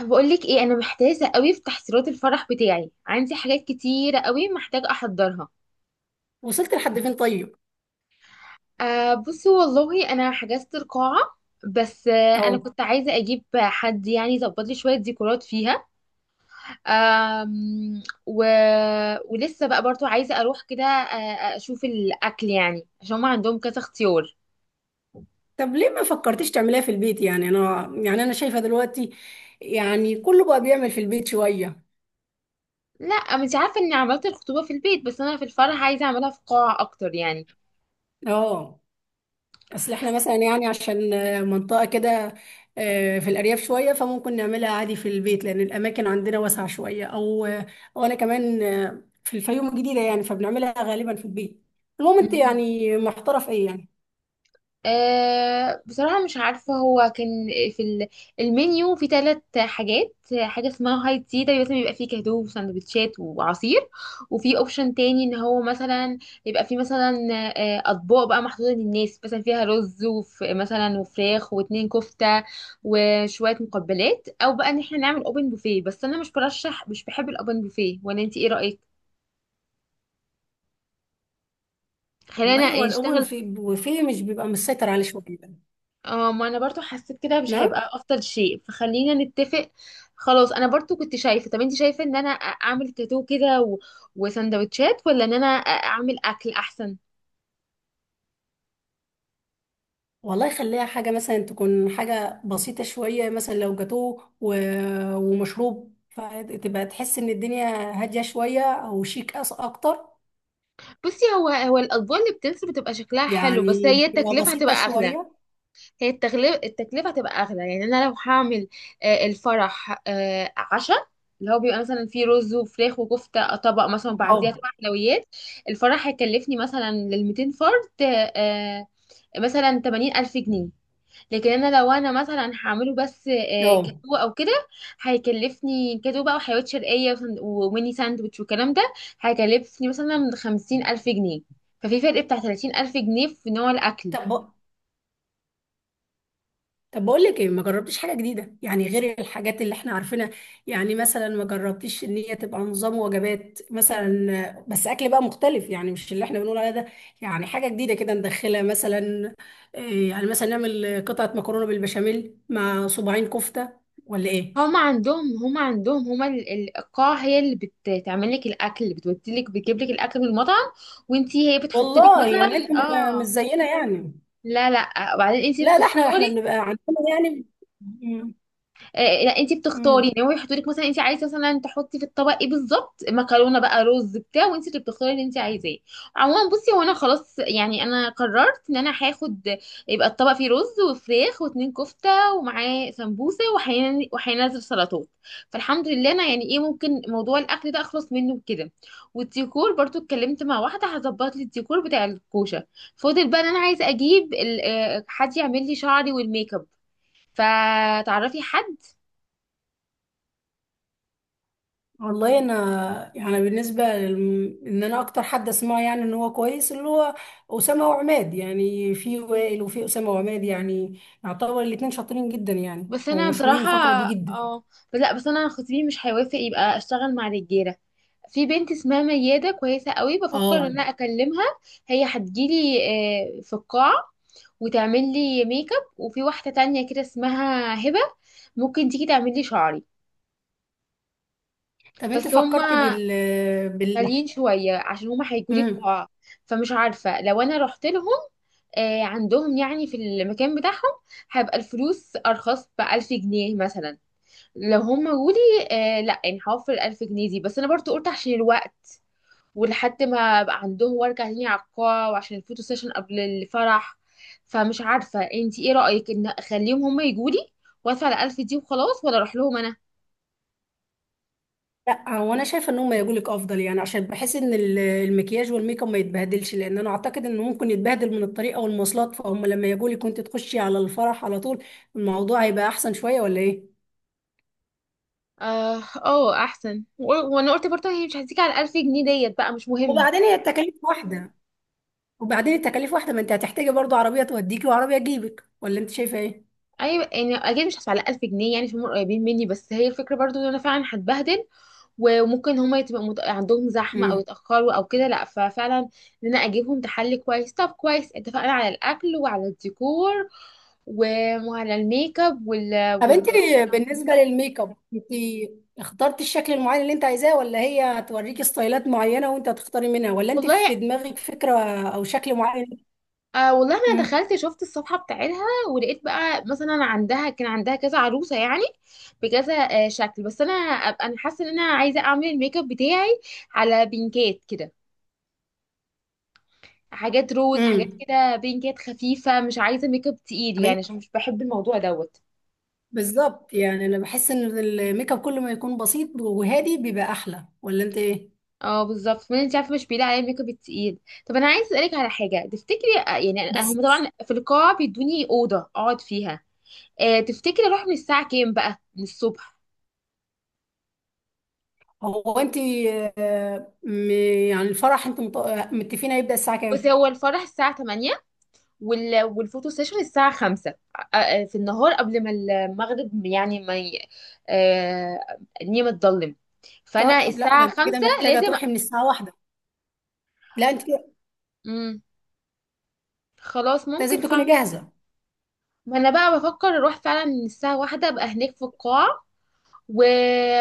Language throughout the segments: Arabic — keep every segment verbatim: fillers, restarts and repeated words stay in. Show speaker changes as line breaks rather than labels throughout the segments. بقولك ايه، انا محتاسه قوي في تحضيرات الفرح بتاعي. عندي حاجات كتيره قوي محتاجه احضرها.
وصلت لحد فين طيب؟
آه، بصي والله انا حجزت القاعه. بس آه انا
اه.
كنت عايزه اجيب حد يعني يظبط لي شويه ديكورات فيها. آم، و... ولسه بقى برضو عايزه اروح كده، آه، اشوف الاكل يعني عشان هم عندهم كذا اختيار.
طب ليه ما فكرتيش تعمليها في البيت؟ يعني انا يعني انا شايفه دلوقتي يعني كله بقى بيعمل في البيت شويه.
لا انت عارفه اني عملت الخطوبه في البيت، بس انا في الفرح عايزه اعملها في قاعه اكتر.
اه. اصل احنا مثلا يعني عشان آه، منطقه كده، آه، في الارياف شويه، فممكن نعملها عادي في البيت لان الاماكن عندنا واسعه شويه، او آه، او انا كمان آه، في الفيوم الجديده يعني، فبنعملها غالبا في البيت. المهم انت
يعني
يعني محتاره في ايه يعني؟
أه بصراحة مش عارفة. هو كان في ال- المنيو في ثلاث حاجات. حاجة اسمها هاي تي ده مثلا بيبقى فيه كاندو وسندوتشات وعصير. وفي اوبشن تاني ان هو مثلا يبقى فيه مثلا آه، اطباق بقى محطوطة للناس مثلا فيها رز وف مثلا وفراخ واتنين كفتة وشوية مقبلات، او بقى ان احنا نعمل اوبن بوفيه. بس انا مش برشح مش بحب الاوبن بوفيه، ولا انت ايه رأيك؟ خلينا
والله هو
يعني
الأوبن
نشتغل.
في وفيه مش بيبقى مسيطر عليه شويه.
اه، ما انا برضو حسيت كده مش
نعم.
هيبقى افضل شيء، فخلينا نتفق. خلاص انا برضو كنت شايفه، طب انت شايفه ان انا أ- اعمل تاتو كده و... وسندوتشات، ولا ان انا أ- اعمل اكل احسن؟
والله خليها حاجة مثلا، تكون حاجة بسيطة شوية، مثلا لو جاتوه و... ومشروب، فتبقى تحس إن الدنيا هادية شوية أو شيك أس أكتر.
بصي، هو هو الاطباق اللي بتنزل بتبقى شكلها حلو، بس
يعني
هي
تبقى
التكلفه هتبقى
بسيطة
اغلى.
شوية.
هي التغلب التكلفة هتبقى أغلى. يعني أنا لو هعمل آه، الفرح آه، عشاء، اللي هو بيبقى مثلا فيه رز وفراخ وكفتة، آه، طبق مثلا، وبعديها طبق
اه.
حلويات، الفرح هيكلفني مثلا للميتين فرد، آه، مثلا تمانين ألف جنيه. لكن أنا لو أنا مثلا هعمله بس آه،
اه.
كاتو أو كده، هيكلفني كاتو بقى وحلويات شرقية وسن- وميني ساندوتش والكلام ده، هيكلفني مثلا خمسين ألف جنيه. ففي فرق بتاع تلاتين ألف جنيه في نوع الأكل.
طب طب بقول لك ايه، ما جربتيش حاجه جديده يعني، غير الحاجات اللي احنا عارفينها؟ يعني مثلا ما جربتيش ان هي تبقى نظام وجبات مثلا، بس اكل بقى مختلف يعني، مش اللي احنا بنقول عليه ده، يعني حاجه جديده كده ندخلها مثلا. إيه، يعني مثلا نعمل قطعه مكرونه بالبشاميل مع صباعين كفته، ولا ايه؟
هما عندهم هما عندهم هما ال- ال- القاعة هي اللي بتعمل لك الأكل، بتودي لك بتجيب لك الأكل من المطعم، وانتي هي بتحط لك
والله يعني انت
مثلا.
م- مش
اه،
زينا يعني.
لا لا، آه، وبعدين انتي
لا ده احنا احنا
بتختاري.
بنبقى عندنا يعني. مم.
آه، لا، انت بتختاري ان
مم.
هو يحطوا لك مثلا، انت عايزه مثلا تحطي في الطبق ايه بالظبط، مكرونه بقى رز بتاع، وانت اللي بتختاري اللي انت عايزاه. عموما بصي، هو انا خلاص يعني انا قررت ان انا هاخد، يبقى الطبق فيه رز وفراخ واتنين كفته، ومعاه سمبوسه، وهين- وهينزل سلطات. فالحمد لله انا يعني ايه، ممكن موضوع الاكل ده اخلص منه كده. والديكور برضو اتكلمت مع واحده هظبط لي الديكور بتاع الكوشه. فاضل بقى ان انا عايزه اجيب ال- آه، حد يعمل لي شعري والميك اب، فتعرفي حد؟
والله انا يعني بالنسبه لل... ان انا اكتر حد اسمعه يعني ان هو كويس، اللي هو اسامه وعماد، يعني في وائل وفي اسامه وعماد، يعني يعتبر الاتنين شاطرين جدا يعني
بس انا
ومشهورين
بصراحه،
الفتره دي جدا.
اه، بس لا، بس انا خطيبي مش هيوافق يبقى اشتغل مع رجاله. في بنت اسمها ميادة كويسة قوي، بفكر ان
اه.
انا اكلمها. هي هتجيلي آه، في القاعة، وتعمل لي ميك اب، وفي واحدة تانية كده اسمها هبة ممكن تيجي تعمل لي شعري.
طب انت
بس
فكرت
هما
بال بال
غاليين شوية عشان هما هيجولي
مم.
القاعة. فمش عارفة لو انا رحت لهم آه، عندهم يعني في المكان بتاعهم، هيبقى الفلوس ارخص بألف جنيه مثلا. لو هم قولي، آه لا يعني هوفر ألف جنيه دي، بس انا برضو قلت عشان الوقت، ولحد ما ابقى عندهم وارجع تاني على القاعة، وعشان الفوتو سيشن قبل الفرح. فمش عارفة انتي ايه رأيك، ان اخليهم هم يجولي وادفع الألف دي وخلاص، ولا اروح لهم انا؟
لا هو انا شايفه ان هم يجولك افضل يعني، عشان بحس ان ال- المكياج والميك اب ما يتبهدلش، لان انا اعتقد انه ممكن يتبهدل من الطريقه والمواصلات. فهم لما يجولك وانت تخشي على الفرح على طول، الموضوع هيبقى احسن شويه، ولا ايه؟
اه اه، احسن. و- وانا قلت برضه هي مش هتيجي على ألف جنيه، ديت بقى مش مهم.
وبعدين هي التكاليف واحدة. وبعدين التكاليف واحدة، ما انت هتحتاجي برضو عربية توديكي وعربية تجيبك، ولا انت شايفة ايه؟
ايوه يعني اكيد مش هدفع على ألف جنيه، يعني عشان هم قريبين مني. بس هي الفكرة برضو ان انا فعلا هتبهدل، وممكن هما يبقى مت... عندهم زحمة أو
امم.
يتأخروا أو كده. لأ ففعلا إن أنا أجيبهم تحلي كويس. طب كويس، اتفقنا على الأكل وعلى الديكور و- وعلى الميك اب وال...
طب انت
وال...
بالنسبة للميك اب، انت اخترتي الشكل المعين اللي انت عايزاه، ولا هي هتوريكي ستايلات معينة وانت هتختاري منها، ولا انت
والله.
في دماغك فكرة او شكل معين؟
آه والله أنا
امم.
دخلت شفت الصفحة بتاعتها، ولقيت بقى مثلا عندها كان عندها كذا عروسة يعني، بكذا آه شكل. بس أنا أبقى أنا حاسة إن أنا عايزة أعمل الميك اب بتاعي على بينكات كده، حاجات روز، حاجات
امم.
كده بينكات خفيفة، مش عايزة ميك اب تقيل
امين.
يعني عشان مش بحب الموضوع دوت.
بالظبط، يعني انا بحس ان الميك اب كل ما يكون بسيط وهادي بيبقى احلى، ولا انت ايه؟
اه بالظبط، ما انت عارفه مش بيلاقي عليه ميك اب التقيل. طب انا عايز اسالك على حاجه، تفتكري آه، يعني أنا-
بس
هم طبعا في القاعه بيدوني اوضه اقعد فيها. آه تفتكري اروح من الساعه كام بقى من الصبح؟
هو انت آه، م- يعني الفرح انتوا مت- متفقين هيبدأ الساعة
بس
كام؟
هو الفرح الساعه تمانية، وال... والفوتو سيشن الساعه خمسة، آه، آه، في النهار قبل ما المغرب يعني ما ي... آه الدنيا ما تضلم. فانا
طيب لا ده
الساعه
انت كده
خمسة
محتاجه
لازم.
تروحي من الساعه واحدة. لا انت كده
مم. خلاص ممكن
لازم تكوني
فعلا.
جاهزه.
ما انا بقى بفكر اروح فعلا الساعه واحدة ابقى هناك في القاعه. و...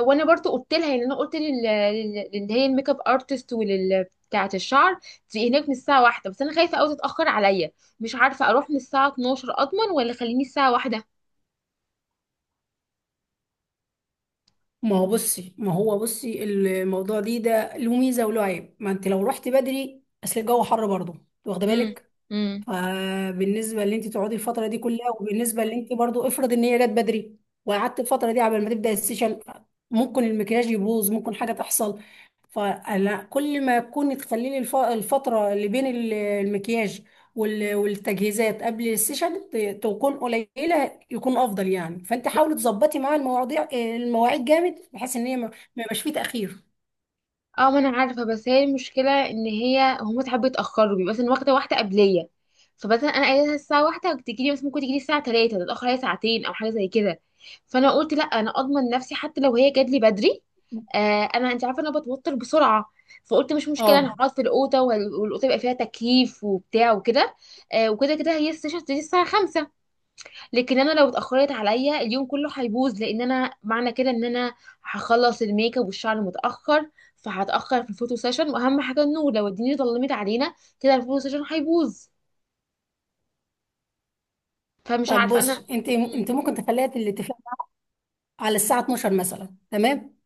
وانا برضو قلت لها، يعني انا قلت لل... لل- اللي هي الميك اب ارتست، ولل بتاعه الشعر، تبقي هناك من الساعه واحدة. بس انا خايفه قوي تتاخر عليا. مش عارفه اروح من الساعه اتناشر اضمن، ولا خليني الساعه واحدة؟
ما هو بصي، ما هو بصي الموضوع دي ده له ميزه وله عيب. ما انت لو رحتي بدري اصل الجو حر برضه، واخده بالك.
امم.
فبالنسبه اللي انت تقعدي الفتره دي كلها، وبالنسبه اللي انت برضو، افرض ان هي جت بدري وقعدت الفتره دي قبل ما تبدا السيشن، ممكن المكياج يبوظ، ممكن حاجه تحصل. فلا، كل ما تكوني تخليلي الف- الفتره اللي بين ال- المكياج وال- والتجهيزات قبل السيشن ت- تكون قليله يكون افضل يعني. فانت حاولي تظبطي مع المواضيع المواعيد جامد، بحيث ان هي ما ما يبقاش فيه تاخير.
اه، ما انا عارفه، بس هي المشكله ان هي هم ساعات بيتاخروا، بيبقى مثلا واخده واحده قبليه، فمثلا انا قايله لها الساعه واحدة وتجيلي، بس ممكن تجيلي الساعه تلاتة، تتاخر هي ساعتين او حاجه زي كده. فانا قلت لا، انا اضمن نفسي حتى لو هي جات لي بدري. آه، انا انت عارفه انا بتوتر بسرعه. فقلت مش مشكله، انا
اه.
هقعد في الاوضه وال- والاوضه يبقى فيها تكييف وبتاع وكده. آه، وكده كده هي السيشن هتبتدي الساعه خمسة، لكن انا لو اتاخرت، عليا اليوم كله هيبوظ، لان انا معنى كده ان انا هخلص الميك اب والشعر متاخر، فهتاخر في الفوتو سيشن، واهم حاجه النور. لو الدنيا ظلمت علينا كده الفوتو سيشن هيبوظ. فمش
طب
عارفه انا.
بص انت، انت ممكن تخليها الاتفاق على الساعه الثانية عشرة مثلا، تمام،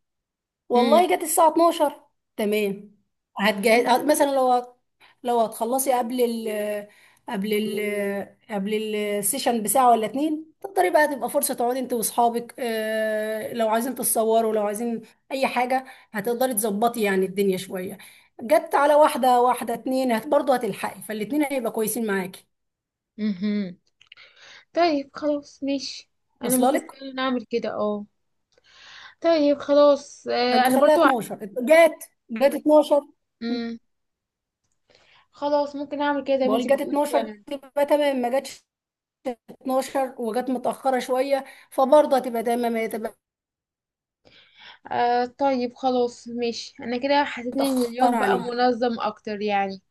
امم.
والله جت الساعة اتناشر، تمام، هتجهز مثلا، لو هت- لو هتخلصي قبل ال قبل ال قبل السيشن بساعة ولا اتنين، تقدري بقى تبقى فرصة تقعدي انت واصحابك، اه، لو عايزين تتصوروا، لو عايزين اي حاجة، هتقدري تظبطي يعني الدنيا شوية. جت على واحدة، واحدة اتنين هت برضه هتلحقي، فالاتنين هيبقى كويسين معاكي.
امم. طيب خلاص ماشي، انا
واصلة
ممكن
لك.
فعلا اعمل كده. اه، طيب خلاص آه
فانت
انا
خليها
برضو.
اتناشر، جت جت اتناشر،
امم. خلاص ممكن اعمل كده زي ما
بقول
انتي
جت
بتقولي
اتناشر
فعلا.
تبقى تمام، ما جاتش الثانية عشرة وجت متأخرة شوية فبرضه هتبقى دايما، ما تبقى
آه، طيب خلاص ماشي، انا كده حسيت ان اليوم
متأخرة
بقى
عليه.
منظم اكتر يعني.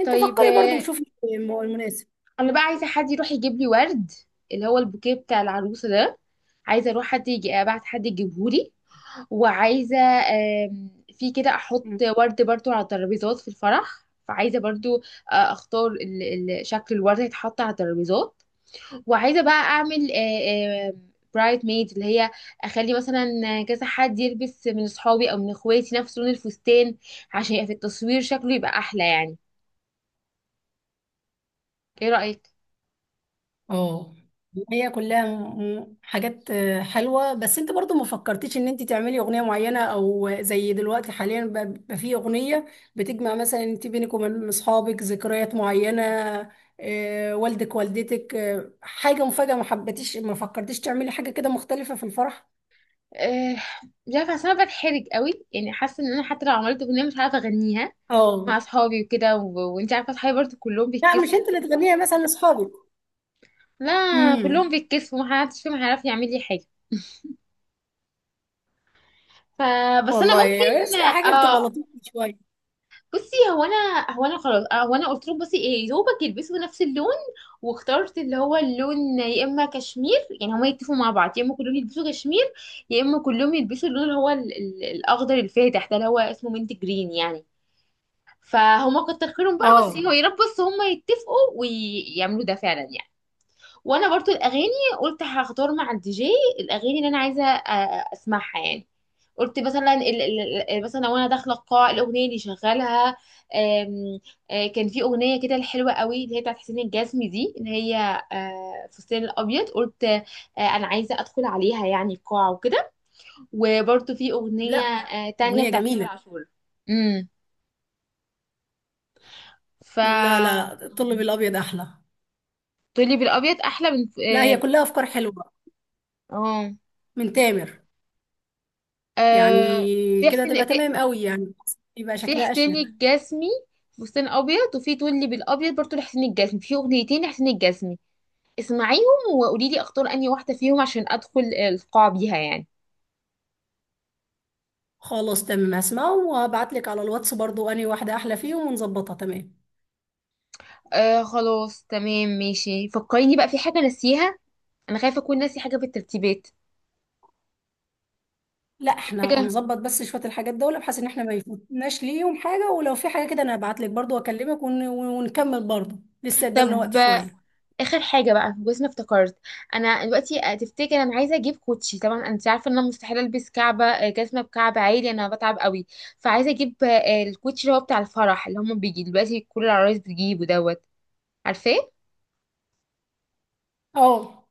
انت
طيب
فكري برضه
آه،
وشوفي الم- المناسب.
انا بقى عايزه حد يروح يجيب لي ورد، اللي هو البوكيه بتاع العروسه ده. عايزه اروح، حد يجي، ابعت حد يجيبه لي. وعايزه آم، في كده احط
مم.
ورد برضو على الترابيزات في الفرح. فعايزه برضو آه، اختار ال- ال- شكل الورد هيتحط على الترابيزات. وعايزه بقى اعمل برايت ميد، اللي هي اخلي مثلا كذا حد يلبس من اصحابي او من اخواتي نفس لون الفستان، عشان يبقى في التصوير شكله يبقى احلى يعني. ايه رايك؟
اه، هي كلها م- م- حاجات آه، حلوة، بس انت برضه ما فكرتيش ان انت تعملي اغنية معينة، او زي دلوقتي حاليا ب- بقى في اغنية بتجمع مثلا انت بينك وبين اصحابك ذكريات معينة، آه، والدك والدتك، آه، حاجة مفاجأة. ما حبيتيش ما فكرتيش تعملي حاجة كده مختلفة في الفرح؟
آه، مش عارفه، اصل انا بتحرج قوي يعني، حاسه ان انا حتى لو عملت اغنيه مش عارفه اغنيها
اه.
مع اصحابي وكده. و... وانت عارفه اصحابي برضه كلهم
لا، مش
بيتكسفوا.
انت اللي تغنيها مثلا لاصحابك.
لا، كلهم
امم.
بيتكسفوا، محدش فيهم هيعرف يعمل لي حاجه. فبس انا
والله
ممكن.
بس حاجه بتبقى
اه.
لطيفه شويه.
بصي هو انا، هو انا خلاص آه، هو انا قلت له بصي ايه دوبك يلبسوا نفس اللون. واخترت اللي هو اللون، يا اما كشمير يعني هما يتفقوا مع بعض، يا اما كلهم يلبسوا كشمير، يا اما كلهم يلبسوا اللون اللي هو ال- ال- الاخضر الفاتح ده اللي هو اسمه منت جرين يعني. فهما كتر خيرهم بقى، بس
اه.
هو يا رب بس هما يتفقوا ويعملوا ده فعلا يعني. وانا برضو الاغاني قلت هختار مع الدي جي الاغاني اللي انا عايزه آه، اسمعها يعني. قلت مثلا ال- ال- ال- مثلا وانا داخله القاعه الاغنيه اللي شغالها، آم، آه، كان في اغنيه كده الحلوه قوي اللي هي بتاعت حسين الجسمي دي، اللي هي آه، فستان الابيض. قلت آه، انا عايزه ادخل عليها يعني القاعه وكده. وبرضو في اغنيه
لا،
آه، تانية
اغنيه
بتاعت تامر
جميله.
عاشور. امم، ف،
لا لا لا، الطلب الابيض احلى.
تقولي بالابيض احلى من
لا، هي
اه.
كلها افكار حلوه
اه،
من تامر يعني.
آه، في
كده
حسين،
تبقى
في
تمام قوي يعني، يبقى
في
شكلها
حسين
اشنك.
الجسمي فستان ابيض، وفي تقولي بالابيض برضو لحسين الجسمي. في اغنيتين لحسين الجسمي، اسمعيهم وقولي لي اختار انهي واحده فيهم عشان ادخل القاعه بيها يعني.
خلاص تمام، هسمعه وهبعت لك على الواتس برضو انهي واحده احلى فيهم ونظبطها تمام.
آه، خلاص تمام ماشي. فكريني بقى في حاجه ناسيها، انا خايفه اكون ناسي حاجه في الترتيبات.
لا احنا
حاجه.
هنظبط بس شويه الحاجات دول، بحيث ان احنا ما يفوتناش ليهم حاجه. ولو في حاجه كده انا هبعت لك برضو واكلمك ون... ونكمل برضو. لسه قدامنا
طب
وقت شويه.
اخر حاجه بقى، بس انا افتكرت انا دلوقتي آه، تفتكر انا عايزه اجيب كوتشي. طبعا انت عارفه ان انا مستحيل البس كعبه، آه، جزمه بكعب عالي انا بتعب قوي. فعايزه اجيب آه، الكوتشي اللي هو بتاع الفرح اللي هم بيجي دلوقتي كل العرايس بتجيبه دوت. عارفاه؟
اه.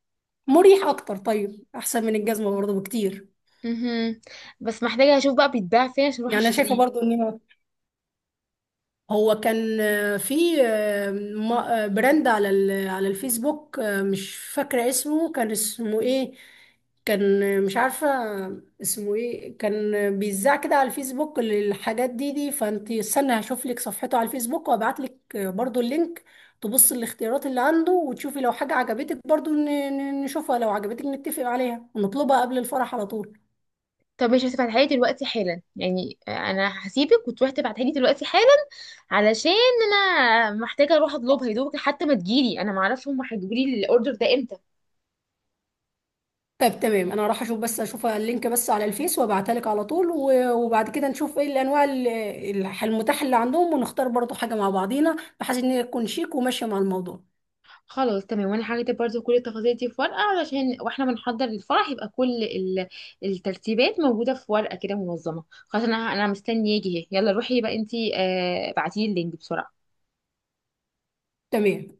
مريح اكتر. طيب احسن من الجزمه برضه بكتير.
مهم. بس محتاجه اشوف بقى بيتباع فين عشان اروح
يعني انا شايفه
اشتريه.
برضه ان هو هو كان آه، في آه، م- آه، براند على ال- على الفيسبوك، آه، مش فاكره اسمه، كان اسمه ايه، كان آه، مش عارفه اسمه ايه، كان آه، بيذاع كده على الفيسبوك للحاجات دي دي. فانت استنى هشوف لك صفحته على الفيسبوك وابعت لك برضه اللينك، تبص الاختيارات اللي عنده وتشوفي لو حاجه عجبتك برضه، ن- ن- نشوفها لو عجبتك نتفق عليها ونطلبها قبل الفرح على طول.
طب مش هتبعتها لي دلوقتي حالا يعني، آه، انا هسيبك وتروحي تبعتها لي دلوقتي حالا، علشان انا محتاجه اروح اطلبها يا دوبك، حتى ما تجيلي انا معرفش هم هيجيبوا لي الاوردر ده امتى.
طب تمام، انا راح اشوف، بس اشوف اللينك بس على الفيس وابعتها لك على طول، و- وبعد كده نشوف ايه الانواع ال- الح- المتاحه اللي عندهم، ونختار برضو حاجه مع بعضينا، بحيث ان هي تكون شيك وماشيه مع الموضوع.
خلاص تمام، وانا هكتب برضو كل التفاصيل دي في ورقه، علشان واحنا بنحضر للفرح يبقى كل ال- الترتيبات موجوده في ورقه كده منظمه. خلاص انا انا مستنيه يجي اهي. يلا روحي بقى انتي، آه بعتيلي اللينك بسرعه.
تمام.